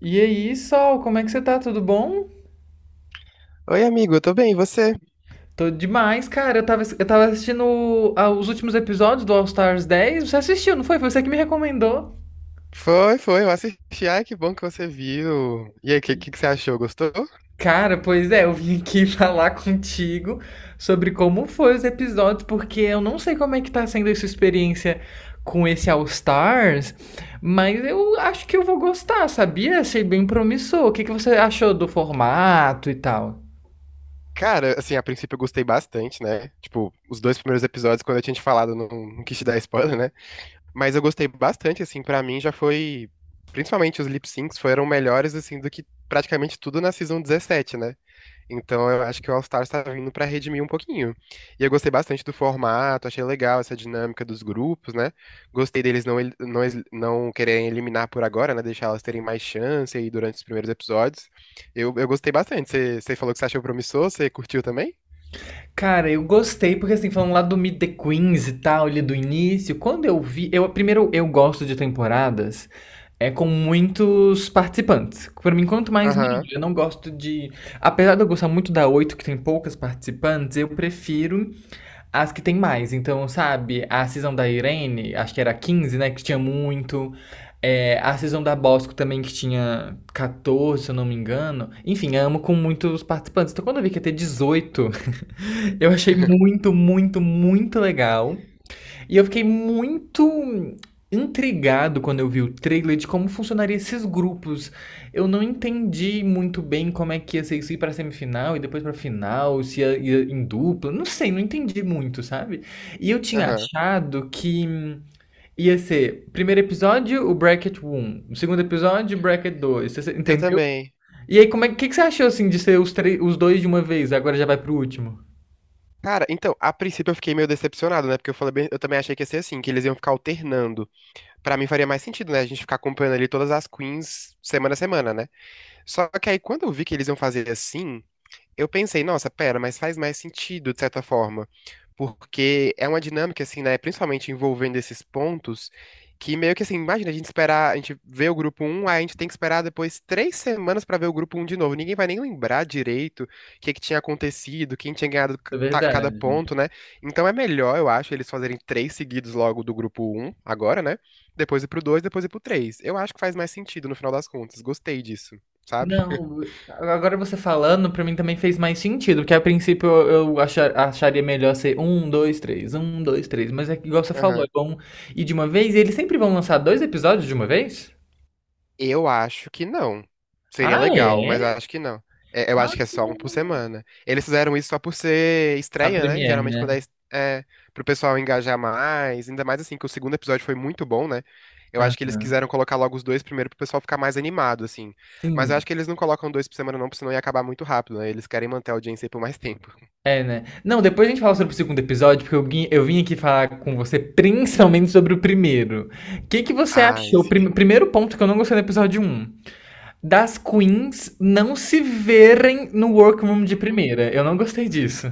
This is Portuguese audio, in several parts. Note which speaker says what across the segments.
Speaker 1: E aí, Sol, como é que você tá? Tudo bom?
Speaker 2: Oi, amigo, eu tô bem, e você?
Speaker 1: Tô demais, cara. Eu tava assistindo os últimos episódios do All Stars 10. Você assistiu, não foi? Foi você que me recomendou.
Speaker 2: Foi, foi, eu assisti. Ai, que bom que você viu. E aí, o que, que você achou? Gostou?
Speaker 1: Cara, pois é, eu vim aqui falar contigo sobre como foi os episódios, porque eu não sei como é que tá sendo essa experiência com esse All Stars, mas eu acho que eu vou gostar, sabia? Achei bem promissor. O que que você achou do formato e tal?
Speaker 2: Cara, assim, a princípio eu gostei bastante, né? Tipo, os dois primeiros episódios, quando eu tinha te falado, eu não quis te dar spoiler, né? Mas eu gostei bastante, assim, pra mim já foi. Principalmente os lip syncs foram melhores, assim, do que praticamente tudo na Season 17, né? Então eu acho que o All Stars tá vindo pra redimir um pouquinho. E eu gostei bastante do formato, achei legal essa dinâmica dos grupos, né? Gostei deles não quererem eliminar por agora, né? Deixar elas terem mais chance aí durante os primeiros episódios. Eu gostei bastante. Você falou que você achou promissor, você curtiu também?
Speaker 1: Cara, eu gostei, porque assim, falando lá do Meet the Queens e tal, ali do início, quando eu vi. Eu, primeiro, eu gosto de temporadas é com muitos participantes. Pra mim, quanto mais melhor.
Speaker 2: Aham.
Speaker 1: Eu não gosto de. Apesar de eu gostar muito da 8 que tem poucas participantes, eu prefiro as que tem mais. Então, sabe, a season da Irene, acho que era quinze, né? Que tinha muito. É, a season da Bosco também, que tinha 14, se eu não me engano. Enfim, amo com muitos participantes. Então, quando eu vi que ia ter dezoito, eu achei muito, muito, muito legal. E eu fiquei muito intrigado quando eu vi o trailer de como funcionaria esses grupos. Eu não entendi muito bem como é que ia ser isso ir pra semifinal e depois pra final, se ia em dupla. Não sei, não entendi muito, sabe? E eu tinha
Speaker 2: Aham.
Speaker 1: achado que ia ser primeiro episódio, o bracket 1, o segundo episódio, o bracket dois. Você
Speaker 2: Eu
Speaker 1: entendeu?
Speaker 2: também.
Speaker 1: E aí, como é que você achou assim de ser os dois de uma vez? Agora já vai pro último.
Speaker 2: Cara, então, a princípio eu fiquei meio decepcionado, né? Porque eu falei eu também achei que ia ser assim, que eles iam ficar alternando. Pra mim faria mais sentido, né? A gente ficar acompanhando ali todas as queens semana a semana, né? Só que aí quando eu vi que eles iam fazer assim, eu pensei, nossa, pera, mas faz mais sentido de certa forma, porque é uma dinâmica assim, né, principalmente envolvendo esses pontos, que meio que assim, imagina a gente esperar, a gente vê o grupo um, aí a gente tem que esperar depois 3 semanas pra ver o grupo um de novo. Ninguém vai nem lembrar direito o que que tinha acontecido, quem tinha ganhado
Speaker 1: É
Speaker 2: cada
Speaker 1: verdade.
Speaker 2: ponto, né? Então é melhor, eu acho, eles fazerem três seguidos logo do grupo um agora, né? Depois ir pro dois, depois ir pro três. Eu acho que faz mais sentido no final das contas. Gostei disso, sabe?
Speaker 1: Não, agora você falando, pra mim também fez mais sentido, porque a princípio eu acharia melhor ser um, dois, três, mas é que igual você falou, é
Speaker 2: Aham.
Speaker 1: bom ir de uma vez, e eles sempre vão lançar dois episódios de uma vez?
Speaker 2: Eu acho que não. Seria
Speaker 1: Ah,
Speaker 2: legal, mas eu
Speaker 1: é?
Speaker 2: acho que não. É, eu
Speaker 1: Ah,
Speaker 2: acho que é só um por
Speaker 1: é.
Speaker 2: semana. Eles fizeram isso só por ser
Speaker 1: A
Speaker 2: estreia, né?
Speaker 1: Premiere,
Speaker 2: Geralmente quando
Speaker 1: né?
Speaker 2: é, é pro pessoal engajar mais, ainda mais assim que o segundo episódio foi muito bom, né? Eu acho que eles
Speaker 1: Aham.
Speaker 2: quiseram colocar logo os dois primeiro pro pessoal ficar mais animado, assim. Mas eu
Speaker 1: Sim.
Speaker 2: acho que eles não colocam dois por semana não, porque senão ia acabar muito rápido, né? Eles querem manter a audiência aí por mais tempo.
Speaker 1: É, né? Não, depois a gente fala sobre o segundo episódio, porque eu, eu vim aqui falar com você principalmente sobre o primeiro. O que que você
Speaker 2: Ai,
Speaker 1: achou?
Speaker 2: sim.
Speaker 1: Primeiro ponto que eu não gostei do episódio um? Das queens não se verem no workroom de
Speaker 2: Uhum.
Speaker 1: primeira. Eu não gostei disso.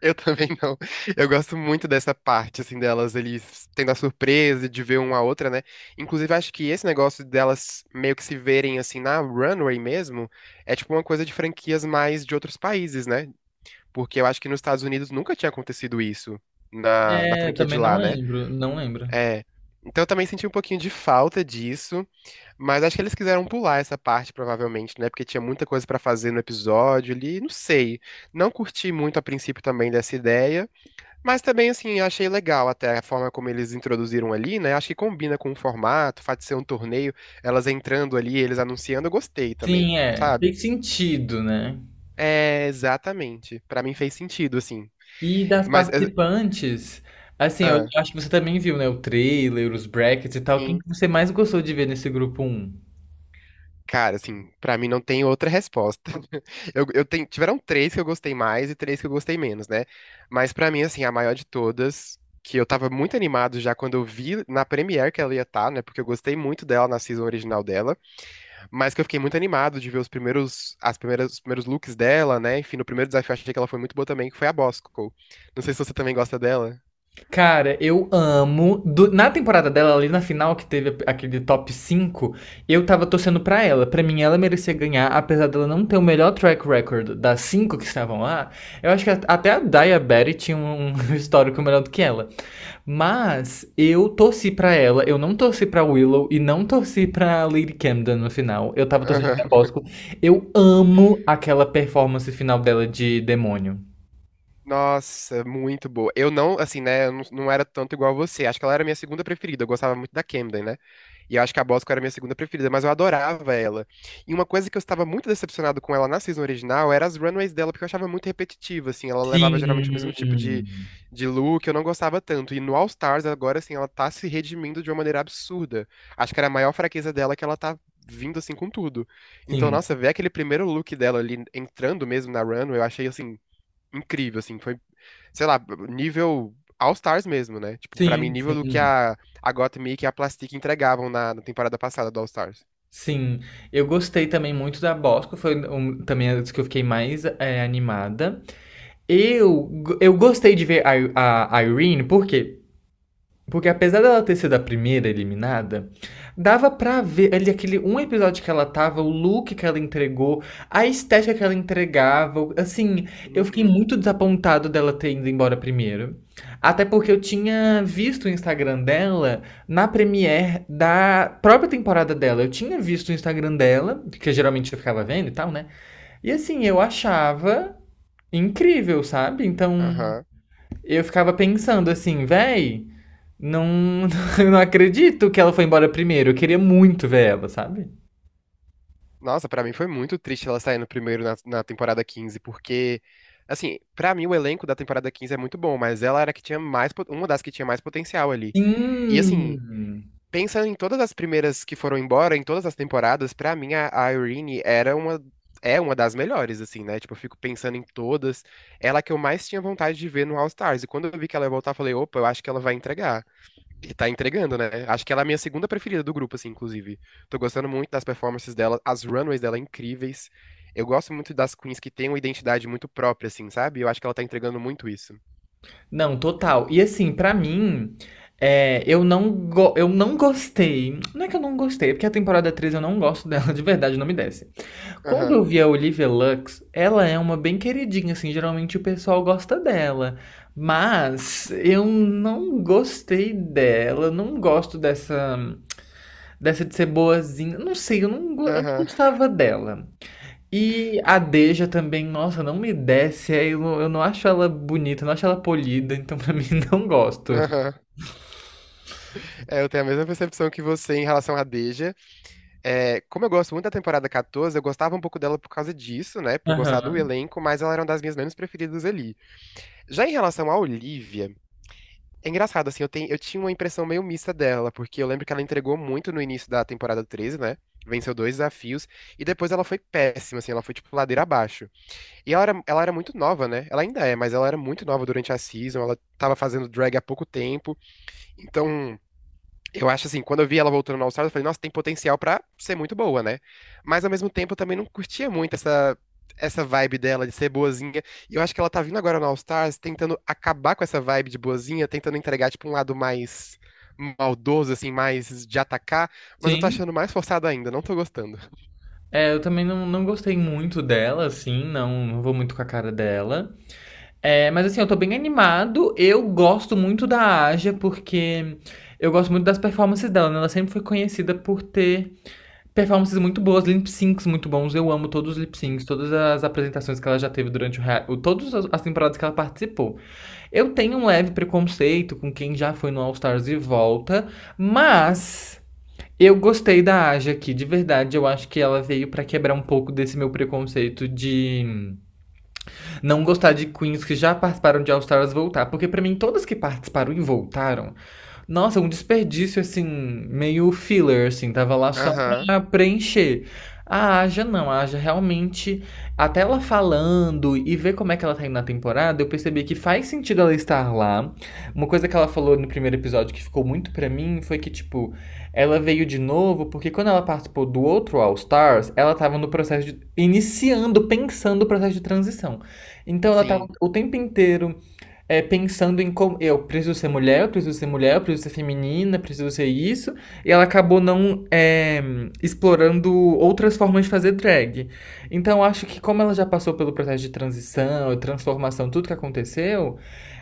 Speaker 2: Eu também não. Eu gosto muito dessa parte, assim, delas, eles tendo a surpresa de ver uma a outra, né? Inclusive, acho que esse negócio delas meio que se verem, assim, na runway mesmo, é tipo uma coisa de franquias mais de outros países, né? Porque eu acho que nos Estados Unidos nunca tinha acontecido isso na
Speaker 1: É,
Speaker 2: franquia
Speaker 1: também
Speaker 2: de
Speaker 1: não
Speaker 2: lá, né?
Speaker 1: lembro, não lembro.
Speaker 2: É. Então eu também senti um pouquinho de falta disso, mas acho que eles quiseram pular essa parte, provavelmente, né? Porque tinha muita coisa pra fazer no episódio ali, não sei. Não curti muito a princípio também dessa ideia. Mas também, assim, achei legal até a forma como eles introduziram ali, né? Acho que combina com o formato, o fato de ser um torneio, elas entrando ali, eles anunciando, eu gostei
Speaker 1: Sim,
Speaker 2: também,
Speaker 1: é,
Speaker 2: sabe?
Speaker 1: fez sentido, né?
Speaker 2: É, exatamente. Pra mim fez sentido, assim.
Speaker 1: E das
Speaker 2: Mas,
Speaker 1: participantes, assim, eu
Speaker 2: ah,
Speaker 1: acho que você também viu, né, o trailer, os brackets e tal. Quem
Speaker 2: sim.
Speaker 1: que você mais gostou de ver nesse grupo um?
Speaker 2: Cara, assim, pra mim não tem outra resposta. Eu tenho, tiveram três que eu gostei mais e três que eu gostei menos, né? Mas pra mim, assim, a maior de todas, que eu tava muito animado já quando eu vi na Premiere que ela ia estar, né? Porque eu gostei muito dela na season original dela. Mas que eu fiquei muito animado de ver os primeiros, as primeiras, os primeiros looks dela, né? Enfim, no primeiro desafio eu achei que ela foi muito boa também, que foi a Bosco. Não sei se você também gosta dela.
Speaker 1: Cara, eu amo. Na temporada dela, ali na final, que teve aquele top 5, eu tava torcendo pra ela. Pra mim, ela merecia ganhar, apesar dela não ter o melhor track record das cinco que estavam lá. Eu acho que até a Daya Berry tinha um histórico melhor do que ela. Mas eu torci pra ela, eu não torci pra Willow e não torci pra Lady Camden no final. Eu tava torcendo pra
Speaker 2: Aham.
Speaker 1: Bosco. Eu amo aquela performance final dela de demônio.
Speaker 2: Nossa, muito boa. Eu não, assim, né? Eu não era tanto igual a você. Acho que ela era a minha segunda preferida. Eu gostava muito da Camden, né? E eu acho que a Bosco era a minha segunda preferida, mas eu adorava ela. E uma coisa que eu estava muito decepcionado com ela na season original era as runways dela, porque eu achava muito repetitiva, assim. Ela levava geralmente o mesmo tipo de,
Speaker 1: Sim.
Speaker 2: de look, eu não gostava tanto. E no All Stars, agora, assim, ela tá se redimindo de uma maneira absurda. Acho que era a maior fraqueza dela que ela tá vindo, assim, com tudo. Então,
Speaker 1: Sim.
Speaker 2: nossa, ver aquele primeiro look dela ali entrando mesmo na runway, eu achei, assim, incrível, assim, foi, sei lá, nível All Stars mesmo, né? Tipo, pra mim,
Speaker 1: Sim,
Speaker 2: nível do que
Speaker 1: sim.
Speaker 2: a Gotham Mick e que a Plastic entregavam na temporada passada do All Stars.
Speaker 1: Sim. Eu gostei também muito da Bosco, foi um, também as que eu fiquei mais animada. Eu, eu gostei de ver a Irene, por quê? Porque apesar dela ter sido a primeira eliminada, dava pra ver ali aquele um episódio que ela tava, o look que ela entregou, a estética que ela entregava. Assim, eu fiquei
Speaker 2: Uhum,
Speaker 1: muito desapontado dela ter ido embora primeiro. Até porque eu tinha visto o Instagram dela na premiere da própria temporada dela. Eu tinha visto o Instagram dela, que geralmente eu ficava vendo e tal, né? E assim, eu achava incrível, sabe? Então.
Speaker 2: aham.
Speaker 1: Eu ficava pensando assim, véi, não, não acredito que ela foi embora primeiro. Eu queria muito ver ela, sabe?
Speaker 2: Nossa, pra mim foi muito triste ela sair no primeiro na temporada 15 porque, assim, pra mim o elenco da temporada 15 é muito bom, mas ela era a que tinha mais, uma das que tinha mais potencial ali. E, assim,
Speaker 1: Sim.
Speaker 2: pensa em todas as primeiras que foram embora, em todas as temporadas, pra mim a Irene era uma é uma das melhores assim, né? Tipo, eu fico pensando em todas, ela que eu mais tinha vontade de ver no All Stars. E quando eu vi que ela ia voltar, eu falei, opa, eu acho que ela vai entregar. E tá entregando, né? Acho que ela é a minha segunda preferida do grupo, assim, inclusive. Tô gostando muito das performances dela, as runways dela é incríveis. Eu gosto muito das queens que têm uma identidade muito própria assim, sabe? Eu acho que ela tá entregando muito isso.
Speaker 1: Não, total. E assim, pra mim, é, eu eu não gostei. Não é que eu não gostei, é porque a temporada 3 eu não gosto dela, de verdade, não me desce. Quando
Speaker 2: Aham.
Speaker 1: eu vi a Olivia Lux, ela é uma bem queridinha, assim, geralmente o pessoal gosta dela. Mas eu não gostei dela, não gosto dessa. Dessa de ser boazinha. Não sei, eu não
Speaker 2: Aham,
Speaker 1: gostava dela. E a Deja também, nossa, não me desce. Aí eu, eu não acho ela bonita, eu não acho ela polida, então pra mim não gosto.
Speaker 2: aham. É, eu tenho a mesma percepção que você em relação à Deja. É, como eu gosto muito da temporada 14, eu gostava um pouco dela por causa disso, né? Por gostar do
Speaker 1: Aham.
Speaker 2: elenco, mas ela era uma das minhas menos preferidas ali. Já em relação à Olivia, é engraçado, assim, eu tinha uma impressão meio mista dela, porque eu lembro que ela entregou muito no início da temporada 13, né? Venceu dois desafios, e depois ela foi péssima, assim, ela foi tipo ladeira abaixo. E ela era muito nova, né? Ela ainda é, mas ela era muito nova durante a season, ela tava fazendo drag há pouco tempo, então. Eu acho assim, quando eu vi ela voltando no All-Stars, eu falei, nossa, tem potencial pra ser muito boa, né? Mas ao mesmo tempo eu também não curtia muito essa vibe dela de ser boazinha. E eu acho que ela tá vindo agora no All-Stars tentando acabar com essa vibe de boazinha, tentando entregar tipo um lado mais maldoso assim, mais de atacar, mas eu tô
Speaker 1: Sim.
Speaker 2: achando mais forçado ainda, não tô gostando.
Speaker 1: É, eu também não, não gostei muito dela, assim, não, não vou muito com a cara dela. É, mas assim, eu tô bem animado. Eu gosto muito da Aja, porque eu gosto muito das performances dela, né? Ela sempre foi conhecida por ter performances muito boas, lip syncs muito bons. Eu amo todos os lip
Speaker 2: Sim.
Speaker 1: syncs, todas as apresentações que ela já teve durante todas as temporadas que ela participou. Eu tenho um leve preconceito com quem já foi no All Stars e volta, mas eu gostei da Aja aqui, de verdade. Eu acho que ela veio pra quebrar um pouco desse meu preconceito de não gostar de queens que já participaram de All Stars voltar, porque pra mim todas que participaram e voltaram, nossa, um desperdício assim, meio filler, assim, tava lá só
Speaker 2: Aham.
Speaker 1: pra preencher. A Aja não, a Aja realmente, até ela falando e ver como é que ela tá indo na temporada, eu percebi que faz sentido ela estar lá. Uma coisa que ela falou no primeiro episódio que ficou muito pra mim foi que, tipo, ela veio de novo porque quando ela participou do outro All Stars, ela tava no processo de, iniciando, pensando o processo de transição. Então ela tava
Speaker 2: Sim.
Speaker 1: o tempo inteiro pensando em como eu preciso ser mulher, eu preciso ser mulher, eu preciso ser feminina, eu preciso ser isso, e ela acabou não é, explorando outras formas de fazer drag. Então eu acho que como ela já passou pelo processo de transição, transformação, tudo que aconteceu,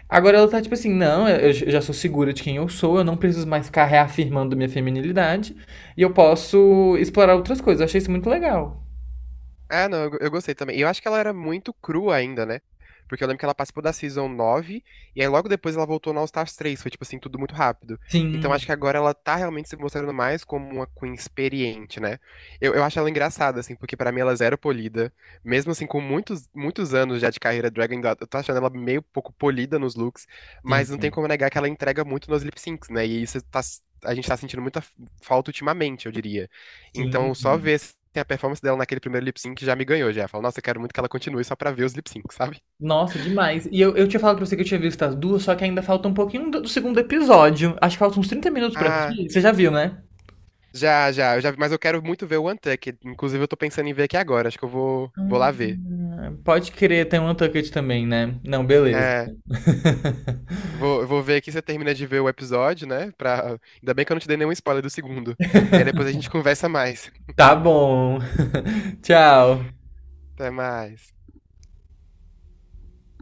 Speaker 1: agora ela tá tipo assim, não, eu já sou segura de quem eu sou, eu não preciso mais ficar reafirmando minha feminilidade, e eu posso explorar outras coisas. Eu achei isso muito legal.
Speaker 2: Ah, não, eu gostei também. E eu acho que ela era muito crua ainda, né? Porque eu lembro que ela participou da Season nove, e aí logo depois ela voltou no All Stars 3. Foi tipo assim, tudo muito rápido. Então
Speaker 1: Sim,
Speaker 2: acho que agora ela tá realmente se mostrando mais como uma Queen experiente, né? Eu acho ela engraçada, assim, porque pra mim ela é zero polida. Mesmo assim, com muitos, muitos anos já de carreira drag, ainda eu tô achando ela meio pouco polida nos looks, mas não tem
Speaker 1: sim,
Speaker 2: como negar que ela entrega muito nos lip syncs, né? E isso tá, a gente tá sentindo muita falta ultimamente, eu diria. Então, só
Speaker 1: sim.
Speaker 2: ver assim, a performance dela naquele primeiro lip sync já me ganhou, já. Falo, nossa, eu quero muito que ela continue só pra ver os lip syncs, sabe?
Speaker 1: Nossa, demais. E eu tinha falado pra você que eu tinha visto as duas, só que ainda falta um pouquinho do segundo episódio. Acho que falta uns 30 minutos pra
Speaker 2: Ah,
Speaker 1: assistir. Você já viu, né?
Speaker 2: já, já, eu já vi, mas eu quero muito ver o Untucked. Inclusive, eu tô pensando em ver aqui agora, acho que eu vou lá ver.
Speaker 1: Ah, pode crer, tem um Untucked também, né? Não, beleza.
Speaker 2: É, eu vou ver aqui você termina de ver o episódio, né? Pra... Ainda bem que eu não te dei nenhum spoiler do segundo. E aí depois a gente conversa mais.
Speaker 1: Tá bom. Tchau.
Speaker 2: Até mais.